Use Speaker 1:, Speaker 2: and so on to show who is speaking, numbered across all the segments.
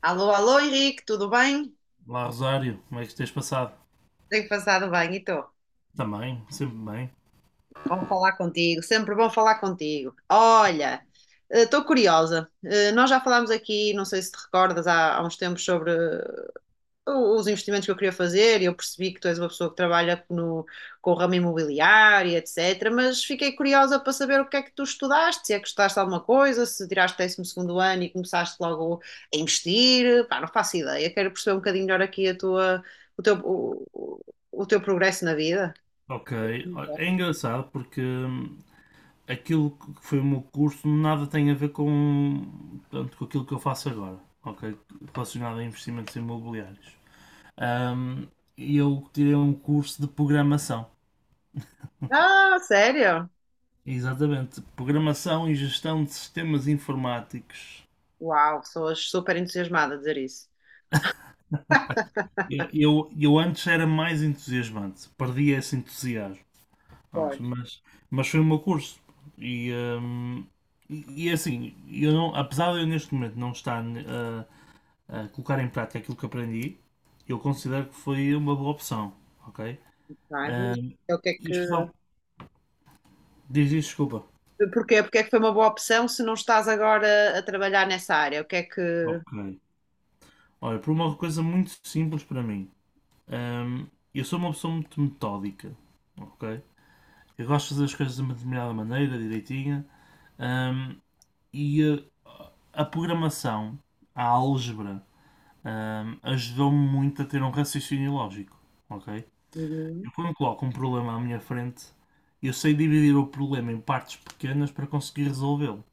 Speaker 1: Alô, alô, Henrique, tudo bem?
Speaker 2: Olá, Rosário, como é que tens passado?
Speaker 1: Tenho passado bem, e estou.
Speaker 2: Também, sempre bem.
Speaker 1: Bom falar contigo, sempre bom falar contigo. Olha, estou curiosa. Nós já falámos aqui, não sei se te recordas, há uns tempos sobre os investimentos que eu queria fazer e eu percebi que tu és uma pessoa que trabalha no, com o ramo imobiliário, e etc. Mas fiquei curiosa para saber o que é que tu estudaste, se é que estudaste alguma coisa, se tiraste 12 segundo ano e começaste logo a investir. Pá, não faço ideia. Quero perceber um bocadinho melhor aqui a tua, o teu, o, o- o teu progresso na vida.
Speaker 2: Ok. Olha, é engraçado porque aquilo que foi o meu curso nada tem a ver com, portanto, com aquilo que eu faço agora, ok? Relacionado a investimentos imobiliários. Hum, eu tirei um curso de programação,
Speaker 1: Ah, sério?
Speaker 2: exatamente, programação e gestão de sistemas informáticos.
Speaker 1: Uau, sou super entusiasmada a dizer isso.
Speaker 2: Eu antes era mais entusiasmante, perdi esse entusiasmo. Pronto,
Speaker 1: Pois,
Speaker 2: mas foi o meu curso. E, hum, é assim, eu não, apesar de eu neste momento não estar a colocar em prática aquilo que aprendi, eu considero que foi uma boa opção, ok?
Speaker 1: não é?
Speaker 2: Hum,
Speaker 1: É o que é que.
Speaker 2: isto dá- diz isto, desculpa.
Speaker 1: Porquê? Porque é que foi uma boa opção se não estás agora a trabalhar nessa área? O que é que.
Speaker 2: Ok. Olha, por uma coisa muito simples para mim. Hum, eu sou uma pessoa muito metódica, ok? Eu gosto de fazer as coisas de uma determinada maneira, direitinha. Hum, e uh, a programação, a álgebra, ajudou-me muito a ter um raciocínio lógico, ok?
Speaker 1: Uhum.
Speaker 2: Eu quando coloco um problema à minha frente, eu sei dividir o problema em partes pequenas para conseguir resolvê-lo.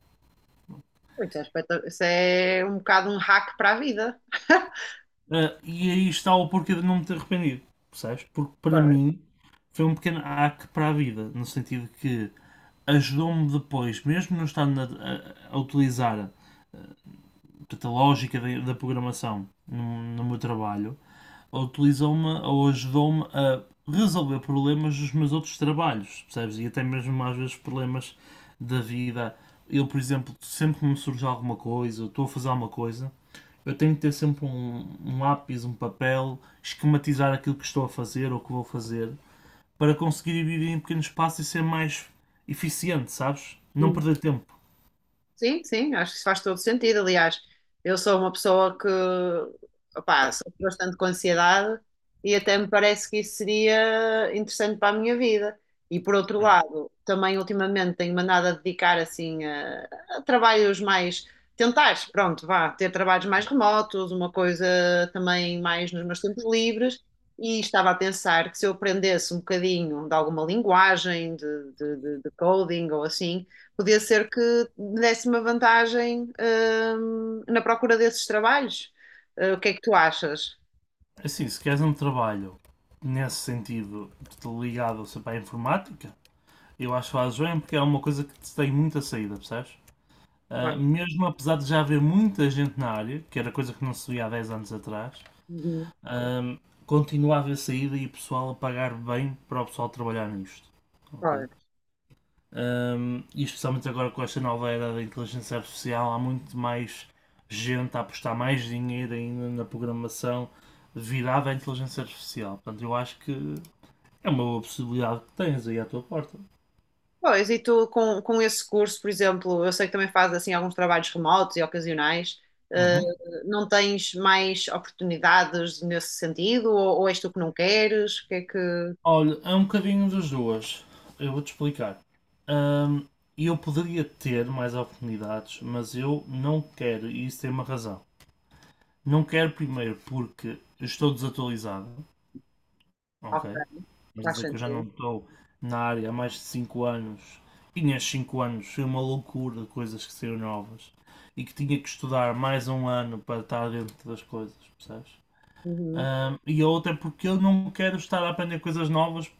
Speaker 1: Isso é, isso é um bocado um hack para a vida.
Speaker 2: Ah, e aí está o porquê de não me ter arrependido, percebes? Porque para
Speaker 1: Claro.
Speaker 2: mim foi um pequeno hack para a vida, no sentido que ajudou-me depois, mesmo não estando a utilizar a lógica da programação no meu trabalho, ou utilizou-me ou ajudou-me a resolver problemas dos meus outros trabalhos, percebes? E até mesmo às vezes problemas da vida. Eu, por exemplo, sempre que me surge alguma coisa, eu estou a fazer alguma coisa, eu tenho que ter sempre um lápis, um papel, esquematizar aquilo que estou a fazer ou que vou fazer, para conseguir dividir em pequenos passos e ser mais eficiente, sabes? Não perder tempo.
Speaker 1: Sim, sim, acho que isso faz todo sentido. Aliás, eu sou uma pessoa que, opá, sofro bastante com ansiedade e até me parece que isso seria interessante para a minha vida. E por outro lado, também ultimamente tenho-me andado a dedicar assim a trabalhos mais, tentar, pronto, vá, ter trabalhos mais remotos, uma coisa também mais nos meus tempos livres. E estava a pensar que se eu aprendesse um bocadinho de alguma linguagem, de coding ou assim. Podia ser que desse uma vantagem, na procura desses trabalhos. O que é que tu achas?
Speaker 2: Assim, se queres um trabalho nesse sentido ligado, sei lá, à informática. Eu acho o AjoM porque é uma coisa que te tem muita saída, percebes? Ah,
Speaker 1: Pois,
Speaker 2: mesmo apesar de já haver muita gente na área, que era coisa que não se via há 10 anos atrás,
Speaker 1: uhum,
Speaker 2: ahm, continua a haver saída e o pessoal a pagar bem para o pessoal trabalhar nisto, ok?
Speaker 1: pois.
Speaker 2: E especialmente agora com esta nova era da inteligência artificial, há muito mais gente a apostar mais dinheiro ainda na programação virada à inteligência artificial. Portanto, eu acho que é uma boa possibilidade que tens aí à tua porta.
Speaker 1: Pois, e tu com esse curso, por exemplo, eu sei que também fazes assim alguns trabalhos remotos e ocasionais, eh,
Speaker 2: Uhum.
Speaker 1: não tens mais oportunidades nesse sentido? Ou és tu que não queres? O que é que.
Speaker 2: Olha, é um bocadinho das duas. Eu vou-te explicar. Hum, eu poderia ter mais oportunidades, mas eu não quero, e isso tem uma razão. Não quero primeiro porque eu estou desatualizado,
Speaker 1: Ok,
Speaker 2: ok? Quer
Speaker 1: faz
Speaker 2: dizer que eu já não
Speaker 1: sentido.
Speaker 2: estou na área há mais de 5 anos. E nestes 5 anos foi uma loucura de coisas que saíram novas e que tinha que estudar mais um ano para estar dentro das coisas, percebes?
Speaker 1: Uhum,
Speaker 2: E a outra é porque eu não quero estar a aprender coisas novas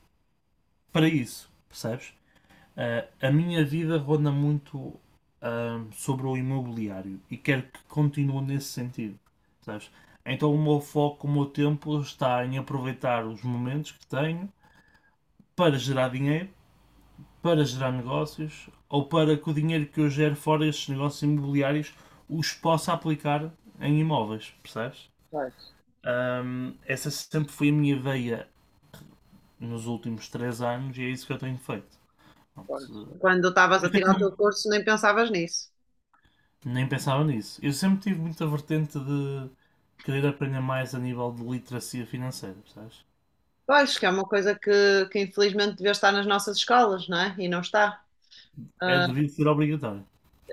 Speaker 2: para isso, percebes? Ah, a minha vida ronda muito sobre o imobiliário e quero que continue nesse sentido, sabes? Então o meu foco, o meu tempo está em aproveitar os momentos que tenho para gerar dinheiro, para gerar negócios ou para que o dinheiro que eu gero fora destes negócios imobiliários os possa aplicar em imóveis, percebes?
Speaker 1: pois,
Speaker 2: Essa sempre foi a minha veia nos últimos 3 anos e é isso que eu tenho feito.
Speaker 1: pois.
Speaker 2: Portanto.
Speaker 1: Quando estavas a tirar o teu curso, nem pensavas nisso.
Speaker 2: Nem pensava nisso. Eu sempre tive muita vertente de querer aprender mais a nível de literacia financeira, percebes?
Speaker 1: Eu acho que é uma coisa que infelizmente devia estar nas nossas escolas, não é? E não está.
Speaker 2: É, devia ser obrigatório.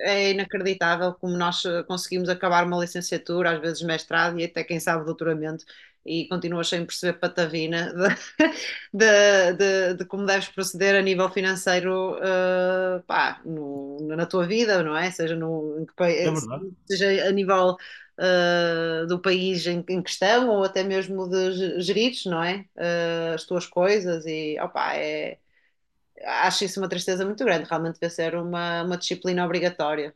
Speaker 1: É inacreditável como nós conseguimos acabar uma licenciatura, às vezes mestrado e até quem sabe doutoramento, e continuas sem perceber patavina de, de como deves proceder a nível financeiro, pá, na tua vida, não é? Seja, no, em que
Speaker 2: É verdade,
Speaker 1: seja a nível do país em, em questão ou até mesmo de gerires, não é? As tuas coisas e opá, é, acho isso uma tristeza muito grande. Realmente deve ser uma disciplina obrigatória.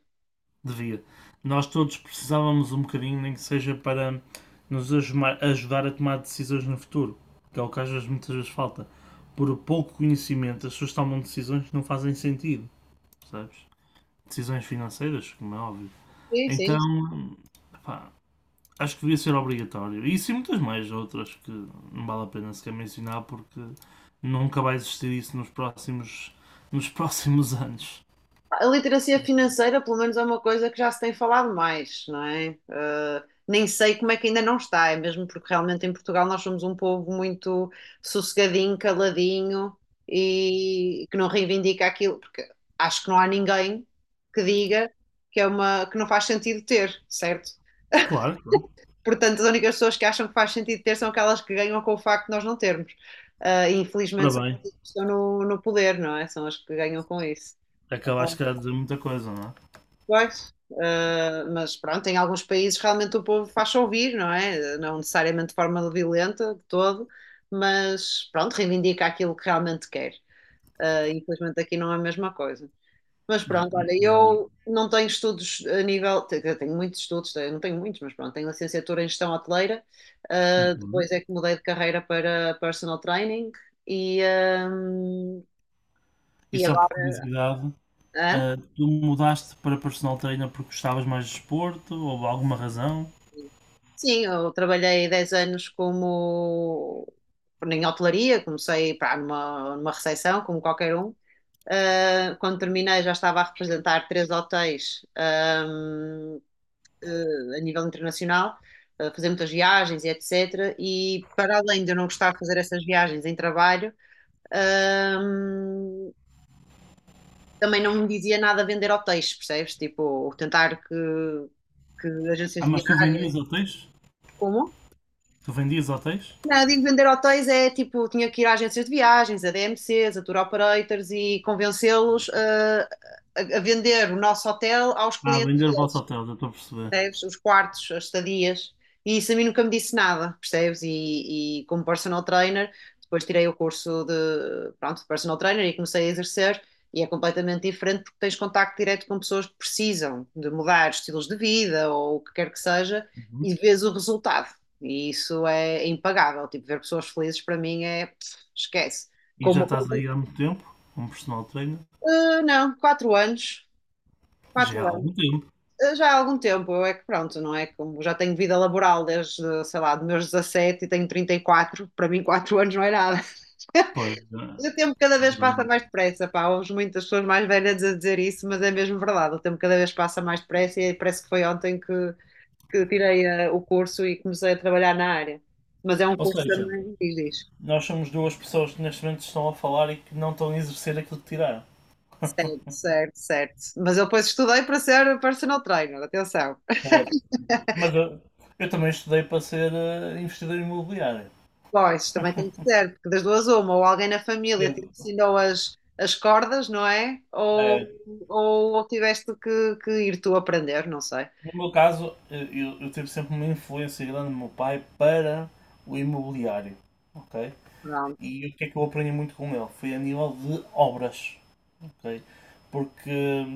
Speaker 2: devia. Nós todos precisávamos um bocadinho, nem que seja para nos ajudar a tomar decisões no futuro, que é o que às vezes muitas vezes falta. Por pouco conhecimento, as pessoas tomam decisões que não fazem sentido, percebes? Decisões financeiras, como é óbvio.
Speaker 1: Sim, sim.
Speaker 2: Então, acho que devia ser obrigatório. E sim e muitas mais outras que não vale a pena sequer mencionar porque nunca vai existir isso nos próximos anos.
Speaker 1: A literacia financeira, pelo menos, é uma coisa que já se tem falado mais, não é? Nem sei como é que ainda não está, é mesmo porque realmente em Portugal nós somos um povo muito sossegadinho, caladinho e que não reivindica aquilo, porque acho que não há ninguém que diga que é uma que não faz sentido ter, certo?
Speaker 2: Claro, claro.
Speaker 1: Portanto, as únicas pessoas que acham que faz sentido ter são aquelas que ganham com o facto de nós não termos. E
Speaker 2: Ora
Speaker 1: infelizmente são as
Speaker 2: bem,
Speaker 1: pessoas que estão no, no poder, não é? São as que ganham com isso.
Speaker 2: acabaste calhar de dizer muita coisa, não
Speaker 1: Pois, mas pronto, em alguns países realmente o povo faz-se ouvir, não é? Não necessariamente de forma violenta de todo, mas pronto, reivindica aquilo que realmente quer. Infelizmente aqui não é a mesma coisa. Mas
Speaker 2: é? É,
Speaker 1: pronto, olha, eu
Speaker 2: infelizmente.
Speaker 1: não tenho estudos a eu tenho muitos estudos, eu não tenho muitos, mas pronto, tenho licenciatura em gestão hoteleira,
Speaker 2: Muito bem.
Speaker 1: depois é que mudei de carreira para personal training e, ehm,
Speaker 2: E
Speaker 1: e
Speaker 2: só por
Speaker 1: agora.
Speaker 2: curiosidade,
Speaker 1: Hã?
Speaker 2: tu mudaste para personal trainer porque gostavas mais de desporto ou alguma razão?
Speaker 1: Sim, eu trabalhei 10 anos como em hotelaria, comecei pá, numa, numa recepção, como qualquer um. Ah, quando terminei já estava a representar 3 hotéis, a nível internacional, a fazer muitas viagens e etc. E para além de eu não gostar de fazer essas viagens em trabalho, ahm, também não me dizia nada vender hotéis, percebes? Tipo, tentar que agências
Speaker 2: Ah,
Speaker 1: de
Speaker 2: mas tu
Speaker 1: viagem.
Speaker 2: vendias hotéis?
Speaker 1: Como?
Speaker 2: Tu vendias hotéis?
Speaker 1: Não, digo vender hotéis é tipo, tinha que ir a agências de viagens, a DMCs, a tour operators e convencê-los a vender o nosso hotel aos
Speaker 2: Ah,
Speaker 1: clientes,
Speaker 2: vender o vosso hotel, já estou a perceber.
Speaker 1: percebes? Os quartos, as estadias, e isso a mim nunca me disse nada, percebes? E como personal trainer, depois tirei o curso de, pronto, de personal trainer e comecei a exercer, e é completamente diferente porque tens contacto direto com pessoas que precisam de mudar estilos de vida ou o que quer que seja,
Speaker 2: Uhum.
Speaker 1: e vês o resultado. E isso é impagável. Tipo, ver pessoas felizes para mim é, pff, esquece.
Speaker 2: E
Speaker 1: Como
Speaker 2: já
Speaker 1: uma
Speaker 2: estás
Speaker 1: conta,
Speaker 2: aí há muito tempo, como personal trainer?
Speaker 1: ah, não, 4 anos, quatro.
Speaker 2: Já há algum tempo.
Speaker 1: Já há algum tempo, eu é que pronto, não é? Como já tenho vida laboral desde, sei lá, dos meus 17 e tenho 34, para mim 4 anos não é nada.
Speaker 2: Pois,
Speaker 1: O tempo cada vez passa
Speaker 2: realmente.
Speaker 1: mais depressa, pá, ouves muitas pessoas mais velhas a dizer isso, mas é mesmo verdade, o tempo cada vez passa mais depressa e parece que foi ontem que tirei o curso e comecei a trabalhar na área. Mas é um
Speaker 2: Ou
Speaker 1: curso
Speaker 2: seja,
Speaker 1: também, diz, diz.
Speaker 2: nós somos duas pessoas que neste momento estão a falar e que não estão a exercer aquilo que tiraram.
Speaker 1: Certo, certo. Mas eu depois estudei para ser personal trainer, atenção.
Speaker 2: Certo. Mas eu também estudei para ser investidor imobiliário.
Speaker 1: Pois, também tem que ser, porque das duas uma, ou alguém na família
Speaker 2: Eu,
Speaker 1: te ensinou as, as cordas, não é?
Speaker 2: eh,
Speaker 1: Ou tiveste que ir tu aprender, não sei.
Speaker 2: no meu caso, eu tive sempre uma influência grande do meu pai para o imobiliário. Ok?
Speaker 1: Pronto.
Speaker 2: E o que é que eu aprendi muito com ele? Foi a nível de obras, ok? Porque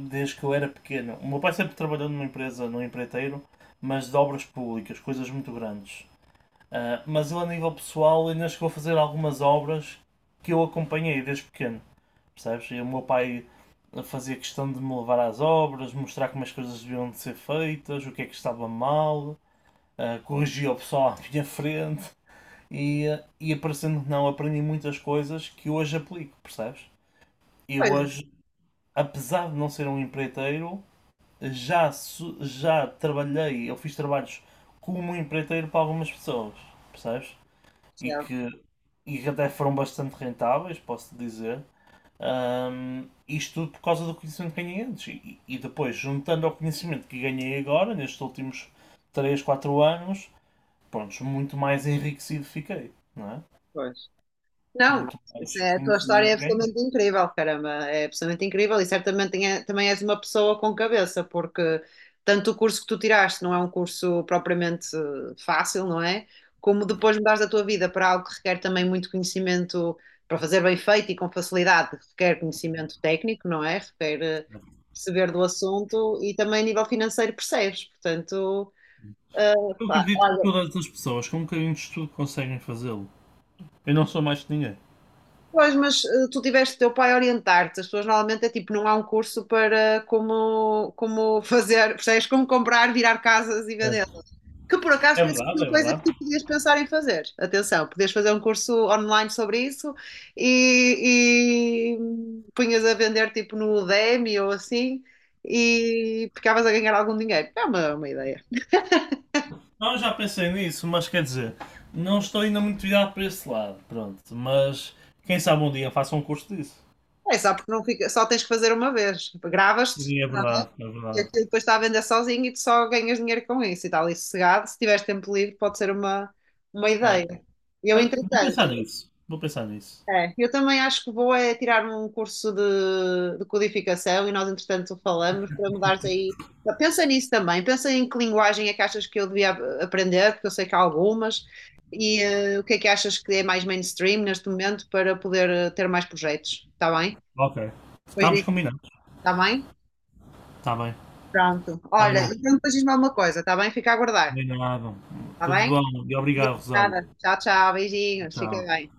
Speaker 2: desde que eu era pequeno, o meu pai sempre trabalhou numa empresa, num empreiteiro, mas de obras públicas, coisas muito grandes. Ah, mas ele, a nível pessoal, ainda chegou a fazer algumas obras que eu acompanhei desde pequeno, percebes? E o meu pai fazia questão de me levar às obras, mostrar como as coisas deviam de ser feitas, o que é que estava mal, corrigia o pessoal à minha frente e aparecendo que não, aprendi muitas coisas que hoje aplico, percebes? E
Speaker 1: Pois,
Speaker 2: hoje apesar de não ser um empreiteiro, já, já trabalhei, eu fiz trabalhos como um empreiteiro para algumas pessoas, percebes? E
Speaker 1: Rachel,
Speaker 2: que, e que até foram bastante rentáveis, posso dizer. Isto tudo por causa do conhecimento que ganhei antes. E depois, juntando ao conhecimento que ganhei agora, nestes últimos 3 4 anos, pronto, muito mais enriquecido fiquei, não é?
Speaker 1: pois. Não,
Speaker 2: Muito
Speaker 1: isso
Speaker 2: mais
Speaker 1: é- a tua história é
Speaker 2: conhecimento ganhei.
Speaker 1: absolutamente incrível, caramba, é absolutamente incrível e certamente também és uma pessoa com cabeça, porque tanto o curso que tu tiraste não é um curso propriamente fácil, não é? Como depois mudares a tua vida para algo que requer também muito conhecimento para fazer bem feito e com facilidade, requer conhecimento técnico, não é? Requer perceber do assunto e também a nível financeiro percebes, portanto, eh,
Speaker 2: Eu
Speaker 1: pá,
Speaker 2: acredito que
Speaker 1: olha,
Speaker 2: todas as pessoas com um bocadinho de estudo conseguem fazê-lo. Eu não sou mais que ninguém.
Speaker 1: pois, mas tu tiveste o teu pai a orientar-te. As pessoas normalmente é tipo, não há um curso para como, como fazer, percebes? Como comprar, virar casas e vendê-las.
Speaker 2: Certo.
Speaker 1: Que por acaso
Speaker 2: É
Speaker 1: não é
Speaker 2: verdade,
Speaker 1: uma
Speaker 2: é
Speaker 1: coisa que
Speaker 2: verdade.
Speaker 1: tu podias pensar em fazer. Atenção, podias fazer um curso online sobre isso e punhas a vender tipo no Udemy ou assim e ficavas a ganhar algum dinheiro. É uma ideia.
Speaker 2: Não, eu já pensei nisso, mas quer dizer, não estou ainda muito virado para esse lado, pronto. Mas quem sabe um dia faça um curso disso.
Speaker 1: É só porque não fica, só tens que fazer uma vez. Gravas-te.
Speaker 2: Sim, é verdade, é
Speaker 1: E
Speaker 2: verdade.
Speaker 1: aquilo depois está a vender sozinho e tu só ganhas dinheiro com isso e está ali sossegado. Se tiveres tempo livre, pode ser uma
Speaker 2: É.
Speaker 1: ideia. Eu,
Speaker 2: Olha, vou
Speaker 1: entretanto,
Speaker 2: pensar nisso, vou pensar nisso.
Speaker 1: é, eu também acho que vou é tirar um curso de codificação e nós, entretanto, falamos para mudares aí. Pensa nisso também, pensa em que linguagem é que achas que eu devia aprender, porque eu sei que há algumas, e o que é que achas que é mais mainstream neste momento para poder ter mais projetos, está bem?
Speaker 2: Ok.
Speaker 1: Depois
Speaker 2: Estamos
Speaker 1: disso,
Speaker 2: combinados.
Speaker 1: está bem?
Speaker 2: Está bem.
Speaker 1: Pronto. Olha,
Speaker 2: Olha,
Speaker 1: então depois diz-me alguma coisa, está bem? Fica a aguardar.
Speaker 2: combinado.
Speaker 1: Tá
Speaker 2: Tudo
Speaker 1: bem?
Speaker 2: bom e obrigado, Rosário.
Speaker 1: Obrigada. Tchau, tchau. Beijinhos. Fica
Speaker 2: Tchau.
Speaker 1: bem.